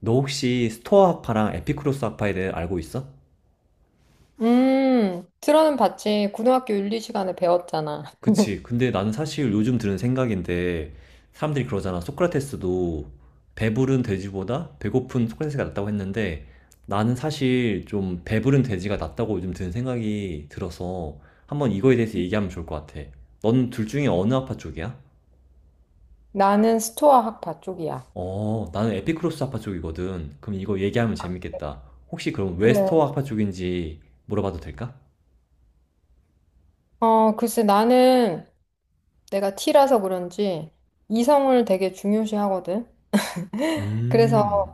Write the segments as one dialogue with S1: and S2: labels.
S1: 너 혹시 스토아 학파랑 에피쿠로스 학파에 대해 알고 있어?
S2: 들어는 봤지. 고등학교 윤리 시간에 배웠잖아.
S1: 그치. 근데 나는 사실 요즘 드는 생각인데, 사람들이 그러잖아. 소크라테스도 배부른 돼지보다 배고픈 소크라테스가 낫다고 했는데, 나는 사실 좀 배부른 돼지가 낫다고 요즘 드는 생각이 들어서, 한번 이거에 대해서 얘기하면 좋을 것 같아. 넌 둘 중에 어느 학파 쪽이야?
S2: 나는 스토아 학파 쪽이야.
S1: 나는 에피쿠로스 학파 쪽이거든. 그럼 이거 얘기하면 재밌겠다. 혹시 그럼 왜
S2: 그래.
S1: 스토아 학파 쪽인지 물어봐도 될까?
S2: 글쎄, 나는 내가 T라서 그런지 이성을 되게 중요시하거든. 그래서,
S1: 음.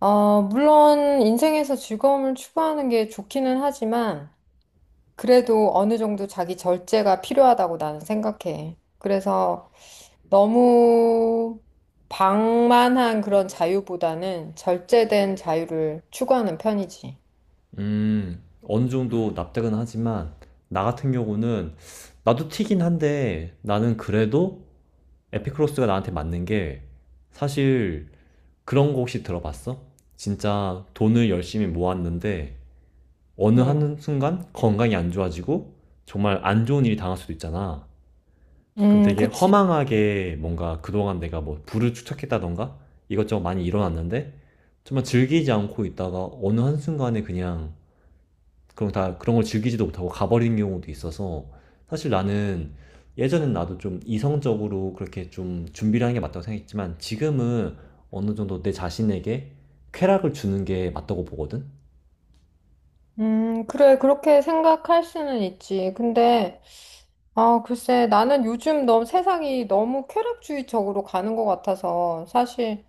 S2: 물론 인생에서 즐거움을 추구하는 게 좋기는 하지만, 그래도 어느 정도 자기 절제가 필요하다고 나는 생각해. 그래서 너무 방만한 그런 자유보다는 절제된 자유를 추구하는 편이지.
S1: 어느 정도 납득은 하지만, 나 같은 경우는, 나도 튀긴 한데, 나는 그래도 에피크로스가 나한테 맞는 게, 사실, 그런 거 혹시 들어봤어? 진짜 돈을 열심히 모았는데, 어느
S2: 음.
S1: 한순간 건강이 안 좋아지고, 정말 안 좋은 일이 당할 수도 있잖아. 그럼 되게
S2: 그치.
S1: 허망하게 뭔가 그동안 내가 뭐 부를 축적했다던가, 이것저것 많이 일어났는데, 정말 즐기지 않고 있다가 어느 한순간에 그냥 그럼 다 그런 걸 즐기지도 못하고 가버린 경우도 있어서 사실 나는 예전엔 나도 좀 이성적으로 그렇게 좀 준비를 하는 게 맞다고 생각했지만 지금은 어느 정도 내 자신에게 쾌락을 주는 게 맞다고 보거든?
S2: 그래, 그렇게 생각할 수는 있지. 근데, 글쎄, 나는 요즘 너무 세상이 너무 쾌락주의적으로 가는 것 같아서 사실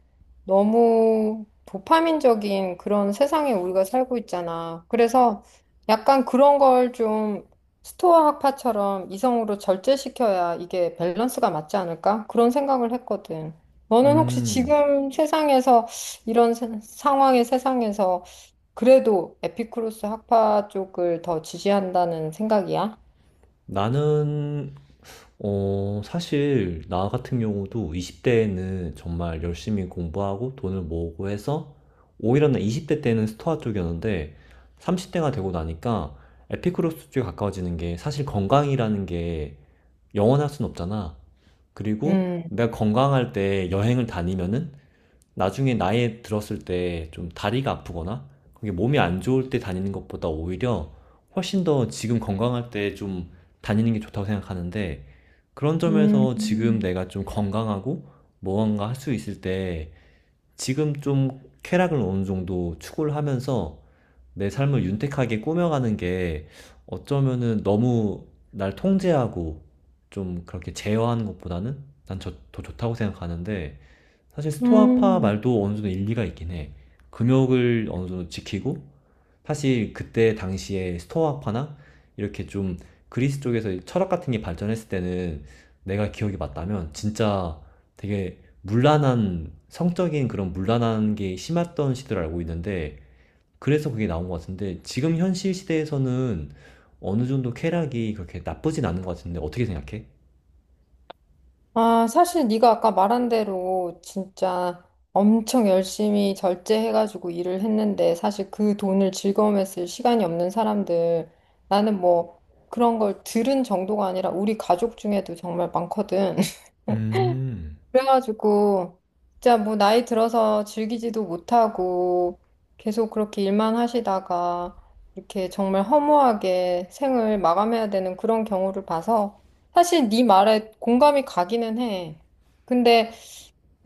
S2: 너무 도파민적인 그런 세상에 우리가 살고 있잖아. 그래서 약간 그런 걸 좀 스토아 학파처럼 이성으로 절제시켜야 이게 밸런스가 맞지 않을까? 그런 생각을 했거든. 너는 혹시
S1: 음,
S2: 지금 세상에서 이런 상황의 세상에서 그래도 에피쿠로스 학파 쪽을 더 지지한다는 생각이야?
S1: 나는, 사실 나 같은 경우도 20대에는 정말 열심히 공부하고 돈을 모으고 해서 오히려 나 20대 때는 스토아 쪽이었는데 30대가 되고 나니까 에피쿠로스 쪽에 가까워지는 게 사실 건강이라는 게 영원할 순 없잖아. 그리고
S2: 음,
S1: 내가 건강할 때 여행을 다니면은 나중에 나이 들었을 때 좀 다리가 아프거나 그게 몸이 안 좋을 때 다니는 것보다 오히려 훨씬 더 지금 건강할 때 좀 다니는 게 좋다고 생각하는데 그런
S2: 음,
S1: 점에서 지금
S2: 음.
S1: 내가 좀 건강하고 무언가 할 수 있을 때 지금 좀 쾌락을 어느 정도 추구를 하면서 내 삶을 윤택하게 꾸며가는 게 어쩌면은 너무 날 통제하고 좀 그렇게 제어하는 것보다는 난 더 좋다고 생각하는데 사실 스토아파
S2: 음.
S1: 말도 어느 정도 일리가 있긴 해. 금욕을 어느 정도 지키고 사실 그때 당시에 스토아파나 이렇게 좀 그리스 쪽에서 철학 같은 게 발전했을 때는 내가 기억이 맞다면 진짜 되게 문란한 성적인 그런 문란한 게 심했던 시대를 알고 있는데 그래서 그게 나온 것 같은데 지금 현실 시대에서는 어느 정도 쾌락이 그렇게 나쁘진 않은 것 같은데 어떻게 생각해?
S2: 사실 네가 아까 말한 대로 진짜 엄청 열심히 절제해가지고 일을 했는데 사실 그 돈을 즐거움에 쓸 시간이 없는 사람들 나는 뭐 그런 걸 들은 정도가 아니라 우리 가족 중에도 정말 많거든.
S1: 음,
S2: 그래가지고 진짜 뭐 나이 들어서 즐기지도 못하고 계속 그렇게 일만 하시다가 이렇게 정말 허무하게 생을 마감해야 되는 그런 경우를 봐서 사실 네 말에 공감이 가기는 해. 근데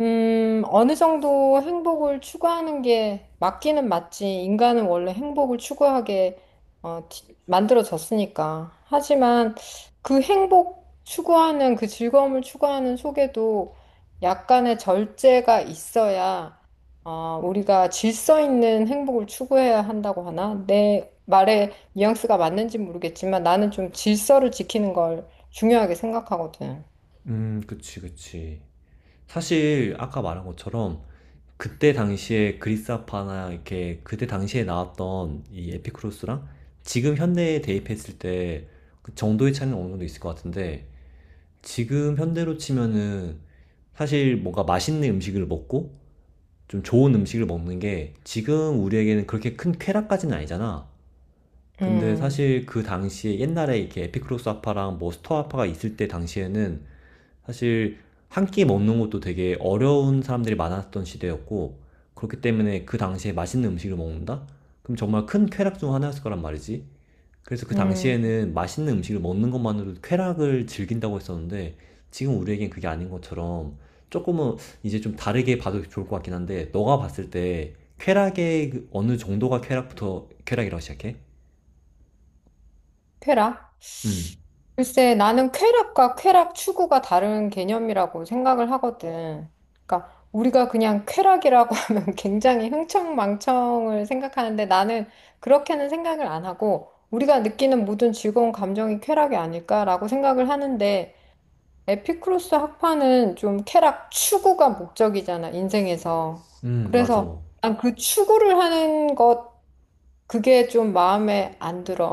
S2: 어느 정도 행복을 추구하는 게 맞기는 맞지. 인간은 원래 행복을 추구하게 만들어졌으니까. 하지만 그 행복 추구하는 그 즐거움을 추구하는 속에도 약간의 절제가 있어야 우리가 질서 있는 행복을 추구해야 한다고 하나? 내 말에 뉘앙스가 맞는지 모르겠지만 나는 좀 질서를 지키는 걸 중요하게 생각하거든.
S1: 그치, 그치. 사실 아까 말한 것처럼 그때 당시에 그리스아파나 이렇게 그때 당시에 나왔던 이 에피쿠로스랑 지금 현대에 대입했을 때 그 정도의 차이는 어느 정도 있을 것 같은데 지금 현대로 치면은 사실 뭔가 맛있는 음식을 먹고 좀 좋은 음식을 먹는 게 지금 우리에게는 그렇게 큰 쾌락까지는 아니잖아. 근데
S2: 음,
S1: 사실 그 당시에 옛날에 이렇게 에피크로스 아파랑 뭐 스토아 아파가 있을 때 당시에는 사실 한 끼 먹는 것도 되게 어려운 사람들이 많았던 시대였고 그렇기 때문에 그 당시에 맛있는 음식을 먹는다? 그럼 정말 큰 쾌락 중 하나였을 거란 말이지. 그래서 그
S2: 음,
S1: 당시에는 맛있는 음식을 먹는 것만으로도 쾌락을 즐긴다고 했었는데 지금 우리에겐 그게 아닌 것처럼 조금은 이제 좀 다르게 봐도 좋을 것 같긴 한데 너가 봤을 때 쾌락의 그 어느 정도가 쾌락부터 쾌락이라고 시작해?
S2: 페라?
S1: 음,
S2: 글쎄, 나는 쾌락과 쾌락 추구가 다른 개념이라고 생각을 하거든. 그러니까 우리가 그냥 쾌락이라고 하면 굉장히 흥청망청을 생각하는데 나는 그렇게는 생각을 안 하고 우리가 느끼는 모든 즐거운 감정이 쾌락이 아닐까라고 생각을 하는데 에피쿠로스 학파는 좀 쾌락 추구가 목적이잖아, 인생에서. 음.
S1: 맞아.
S2: 그래서 난 그 추구를 하는 것 그게 좀 마음에 안 들어.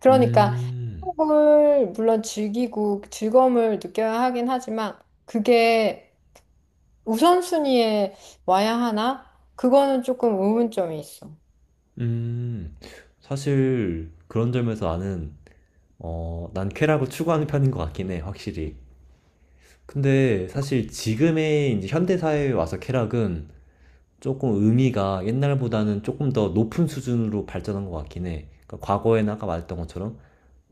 S2: 그러니까
S1: 음,
S2: 행복을 물론 즐기고 즐거움을 느껴야 하긴 하지만 그게 우선순위에 와야 하나? 그거는 조금 의문점이 있어.
S1: 음. 사실 그런 점에서 난 쾌락을 추구하는 편인 것 같긴 해, 확실히. 근데 사실 지금의 이제 현대 사회에 와서 쾌락은 조금 의미가 옛날보다는 조금 더 높은 수준으로 발전한 것 같긴 해. 그러니까 과거에는 아까 말했던 것처럼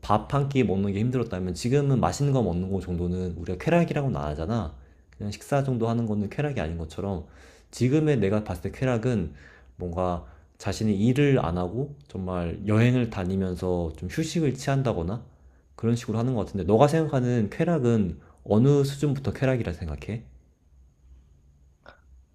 S1: 밥 한 끼 먹는 게 힘들었다면 지금은 맛있는 거 먹는 거 정도는 우리가 쾌락이라고는 안 하잖아. 그냥 식사 정도 하는 거는 쾌락이 아닌 것처럼 지금의 내가 봤을 때 쾌락은 뭔가 자신이 일을 안 하고 정말 여행을 다니면서 좀 휴식을 취한다거나 그런 식으로 하는 것 같은데 너가 생각하는 쾌락은 어느 수준부터 쾌락이라 생각해?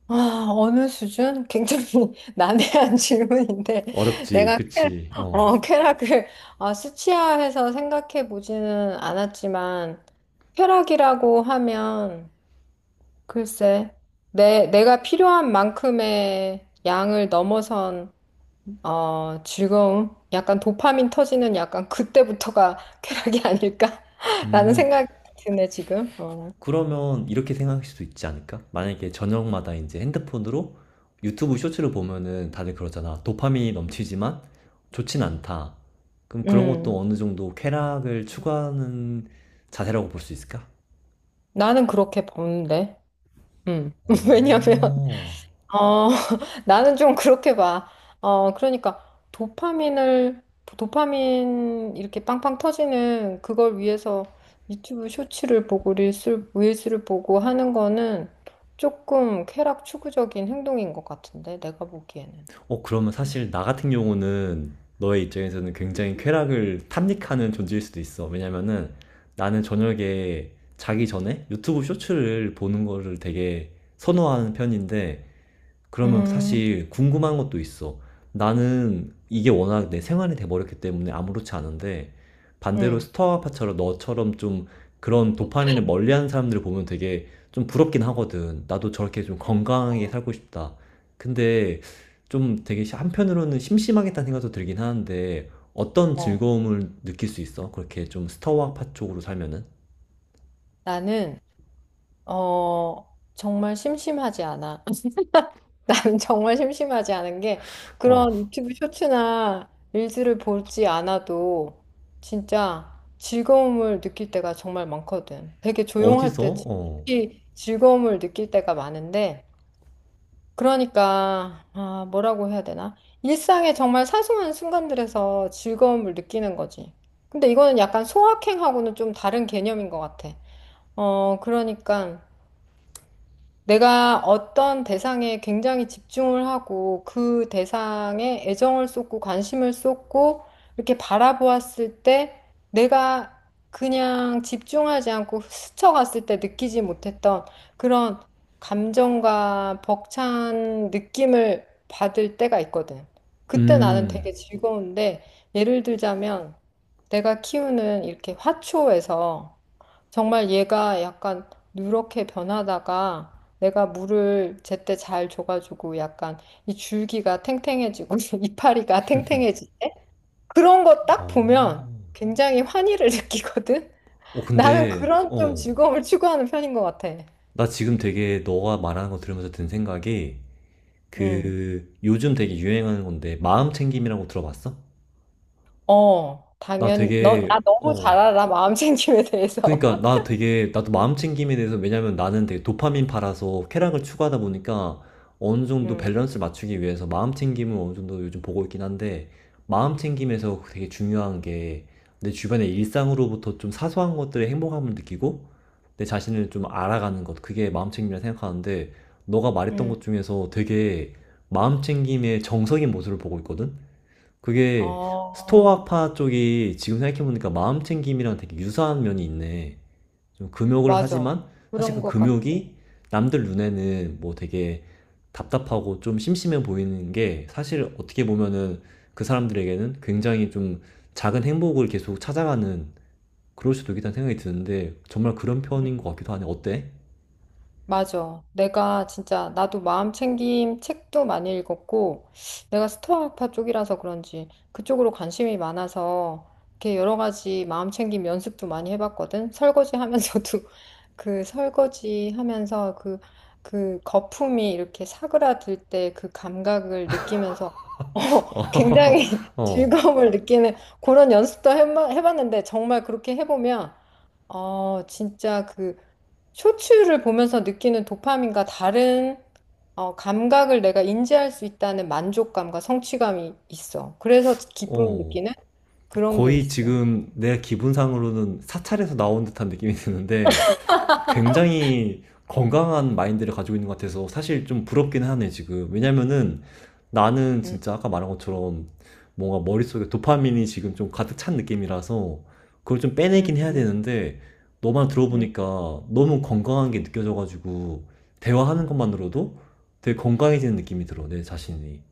S2: 아, 어느 수준? 굉장히 난해한 질문인데
S1: 어렵지,
S2: 내가
S1: 그치. 어.
S2: 쾌락을 수치화해서 생각해 보지는 않았지만 쾌락이라고 하면 글쎄 내가 필요한 만큼의 양을 넘어선 즐거움? 약간 도파민 터지는 약간 그때부터가 쾌락이 아닐까? 라는
S1: 음,
S2: 생각이 드네, 지금. 어.
S1: 그러면 이렇게 생각할 수도 있지 않을까? 만약에 저녁마다 이제 핸드폰으로 유튜브 쇼츠를 보면은 다들 그러잖아. 도파민이 넘치지만 좋진 않다. 그럼 그런 것도
S2: 음,
S1: 어느 정도 쾌락을 추구하는 자세라고 볼 수 있을까?
S2: 나는 그렇게 보는데. 음. 왜냐면,
S1: 오.
S2: 어, 나는 좀 그렇게 봐. 그러니까 도파민을, 도파민 이렇게 빵빵 터지는 그걸 위해서 유튜브 쇼츠를 보고 릴스를 보고 하는 거는 조금 쾌락 추구적인 행동인 것 같은데, 내가 보기에는.
S1: 그러면 사실 나 같은 경우는 너의 입장에서는 굉장히 쾌락을 탐닉하는 존재일 수도 있어. 왜냐면은 나는 저녁에 자기 전에 유튜브 쇼츠를 보는 거를 되게 선호하는 편인데 그러면
S2: 음.
S1: 사실 궁금한 것도 있어. 나는 이게 워낙 내 생활이 돼버렸기 때문에 아무렇지 않은데 반대로
S2: 응.
S1: 스타아파처럼 너처럼 좀 그런 도파민을 멀리하는 사람들을 보면 되게 좀 부럽긴 하거든. 나도 저렇게 좀 건강하게
S2: 어,
S1: 살고 싶다. 근데 좀 되게 한편으로는 심심하겠다는 생각도 들긴 하는데 어떤
S2: 어.
S1: 즐거움을 느낄 수 있어? 그렇게 좀 스타아파 쪽으로 살면은?
S2: 나는, 정말 심심하지 않아. 나는 정말 심심하지 않은 게
S1: 어,
S2: 그런 유튜브 쇼츠나 릴즈를 보지 않아도 진짜 즐거움을 느낄 때가 정말 많거든. 되게 조용할
S1: 어디서?
S2: 때
S1: 어,
S2: 특히 즐거움을 느낄 때가 많은데 그러니까, 뭐라고 해야 되나? 일상의 정말 사소한 순간들에서 즐거움을 느끼는 거지. 근데 이거는 약간 소확행하고는 좀 다른 개념인 것 같아. 그러니까 내가 어떤 대상에 굉장히 집중을 하고 그 대상에 애정을 쏟고 관심을 쏟고 이렇게 바라보았을 때 내가 그냥 집중하지 않고 스쳐갔을 때 느끼지 못했던 그런 감정과 벅찬 느낌을 받을 때가 있거든. 그때 나는
S1: 음,
S2: 되게 즐거운데 예를 들자면 내가 키우는 이렇게 화초에서 정말 얘가 약간 누렇게 변하다가 내가 물을 제때 잘 줘가지고 약간 이 줄기가 탱탱해지고 이파리가 탱탱해지네? 그런 거 딱
S1: 어.
S2: 보면 굉장히 환희를 느끼거든?
S1: 어,
S2: 나는
S1: 근데,
S2: 그런 좀
S1: 어,
S2: 즐거움을 추구하는 편인 것 같아.
S1: 나 지금 되게 너가 말하는 거 들으면서 든 생각이
S2: 응.
S1: 그 요즘 되게 유행하는 건데 마음 챙김이라고 들어봤어? 나
S2: 당연히.
S1: 되게
S2: 나 너무 잘
S1: 어
S2: 알아. 마음 챙김에 대해서.
S1: 그러니까 나 되게 나도 마음 챙김에 대해서 왜냐면 나는 되게 도파민 팔아서 쾌락을 추구하다 보니까 어느 정도
S2: 응,
S1: 밸런스를 맞추기 위해서 마음 챙김을 어느 정도 요즘 보고 있긴 한데 마음 챙김에서 되게 중요한 게 내 주변의 일상으로부터 좀 사소한 것들의 행복함을 느끼고 내 자신을 좀 알아가는 것 그게 마음 챙김이라 생각하는데 너가 말했던
S2: 응.
S1: 것 중에서 되게 마음 챙김의 정석인 모습을 보고 있거든. 그게
S2: 어,
S1: 스토아파 쪽이 지금 생각해보니까 마음 챙김이랑 되게 유사한 면이 있네. 좀 금욕을
S2: 맞아.
S1: 하지만 사실
S2: 그런
S1: 그
S2: 것 같아.
S1: 금욕이 남들 눈에는 뭐 되게 답답하고 좀 심심해 보이는 게 사실 어떻게 보면은 그 사람들에게는 굉장히 좀 작은 행복을 계속 찾아가는 그럴 수도 있겠다는 생각이 드는데 정말 그런 편인 것 같기도 하네. 어때?
S2: 맞아. 내가 진짜 나도 마음 챙김 책도 많이 읽었고 내가 스토아파 쪽이라서 그런지 그쪽으로 관심이 많아서 이렇게 여러 가지 마음 챙김 연습도 많이 해봤거든. 설거지 하면서도 그 설거지 하면서 그, 그 거품이 이렇게 사그라들 때 그 감각을 느끼면서
S1: 어,
S2: 굉장히
S1: 어,
S2: 즐거움을 느끼는 그런 연습도 해봤는데 정말 그렇게 해보면 진짜 그 쇼츠를 보면서 느끼는 도파민과 다른 감각을 내가 인지할 수 있다는 만족감과 성취감이 있어. 그래서 기쁨을
S1: 어.
S2: 느끼는 그런 게
S1: 거의
S2: 있어.
S1: 지금 내 기분상으로는 사찰에서 나온 듯한 느낌이 드는데 굉장히 건강한 마인드를 가지고 있는 것 같아서 사실 좀 부럽긴 하네, 지금. 왜냐면은 나는
S2: 음,
S1: 진짜 아까 말한 것처럼 뭔가 머릿속에 도파민이 지금 좀 가득 찬 느낌이라서 그걸 좀
S2: 음,
S1: 빼내긴 해야
S2: 음,
S1: 되는데 너만
S2: 음.
S1: 들어보니까 너무 건강한 게 느껴져가지고 대화하는 것만으로도 되게 건강해지는 느낌이 들어, 내 자신이.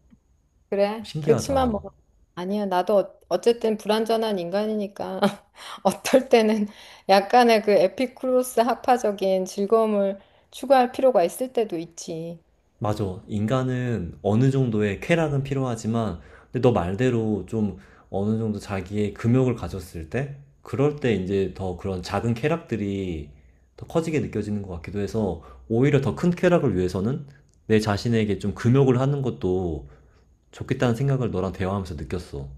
S2: 그래. 그치만 뭐,
S1: 신기하다.
S2: 아니야. 나도 어쨌든 불완전한 인간이니까 어떨 때는 약간의 그 에피쿠로스 학파적인 즐거움을 추구할 필요가 있을 때도 있지.
S1: 맞아. 인간은 어느 정도의 쾌락은 필요하지만, 근데 너 말대로 좀 어느 정도 자기의 금욕을 가졌을 때, 그럴 때 이제 더 그런 작은 쾌락들이 더 커지게 느껴지는 것 같기도 해서, 오히려 더 큰 쾌락을 위해서는 내 자신에게 좀 금욕을 하는 것도 좋겠다는 생각을 너랑 대화하면서 느꼈어.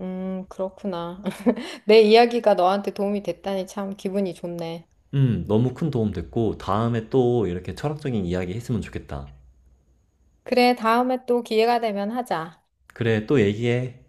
S2: 그렇구나. 내 이야기가 너한테 도움이 됐다니 참 기분이 좋네.
S1: 너무 큰 도움 됐고, 다음에 또 이렇게 철학적인 이야기 했으면 좋겠다.
S2: 그래, 다음에 또 기회가 되면 하자.
S1: 그래, 또 얘기해.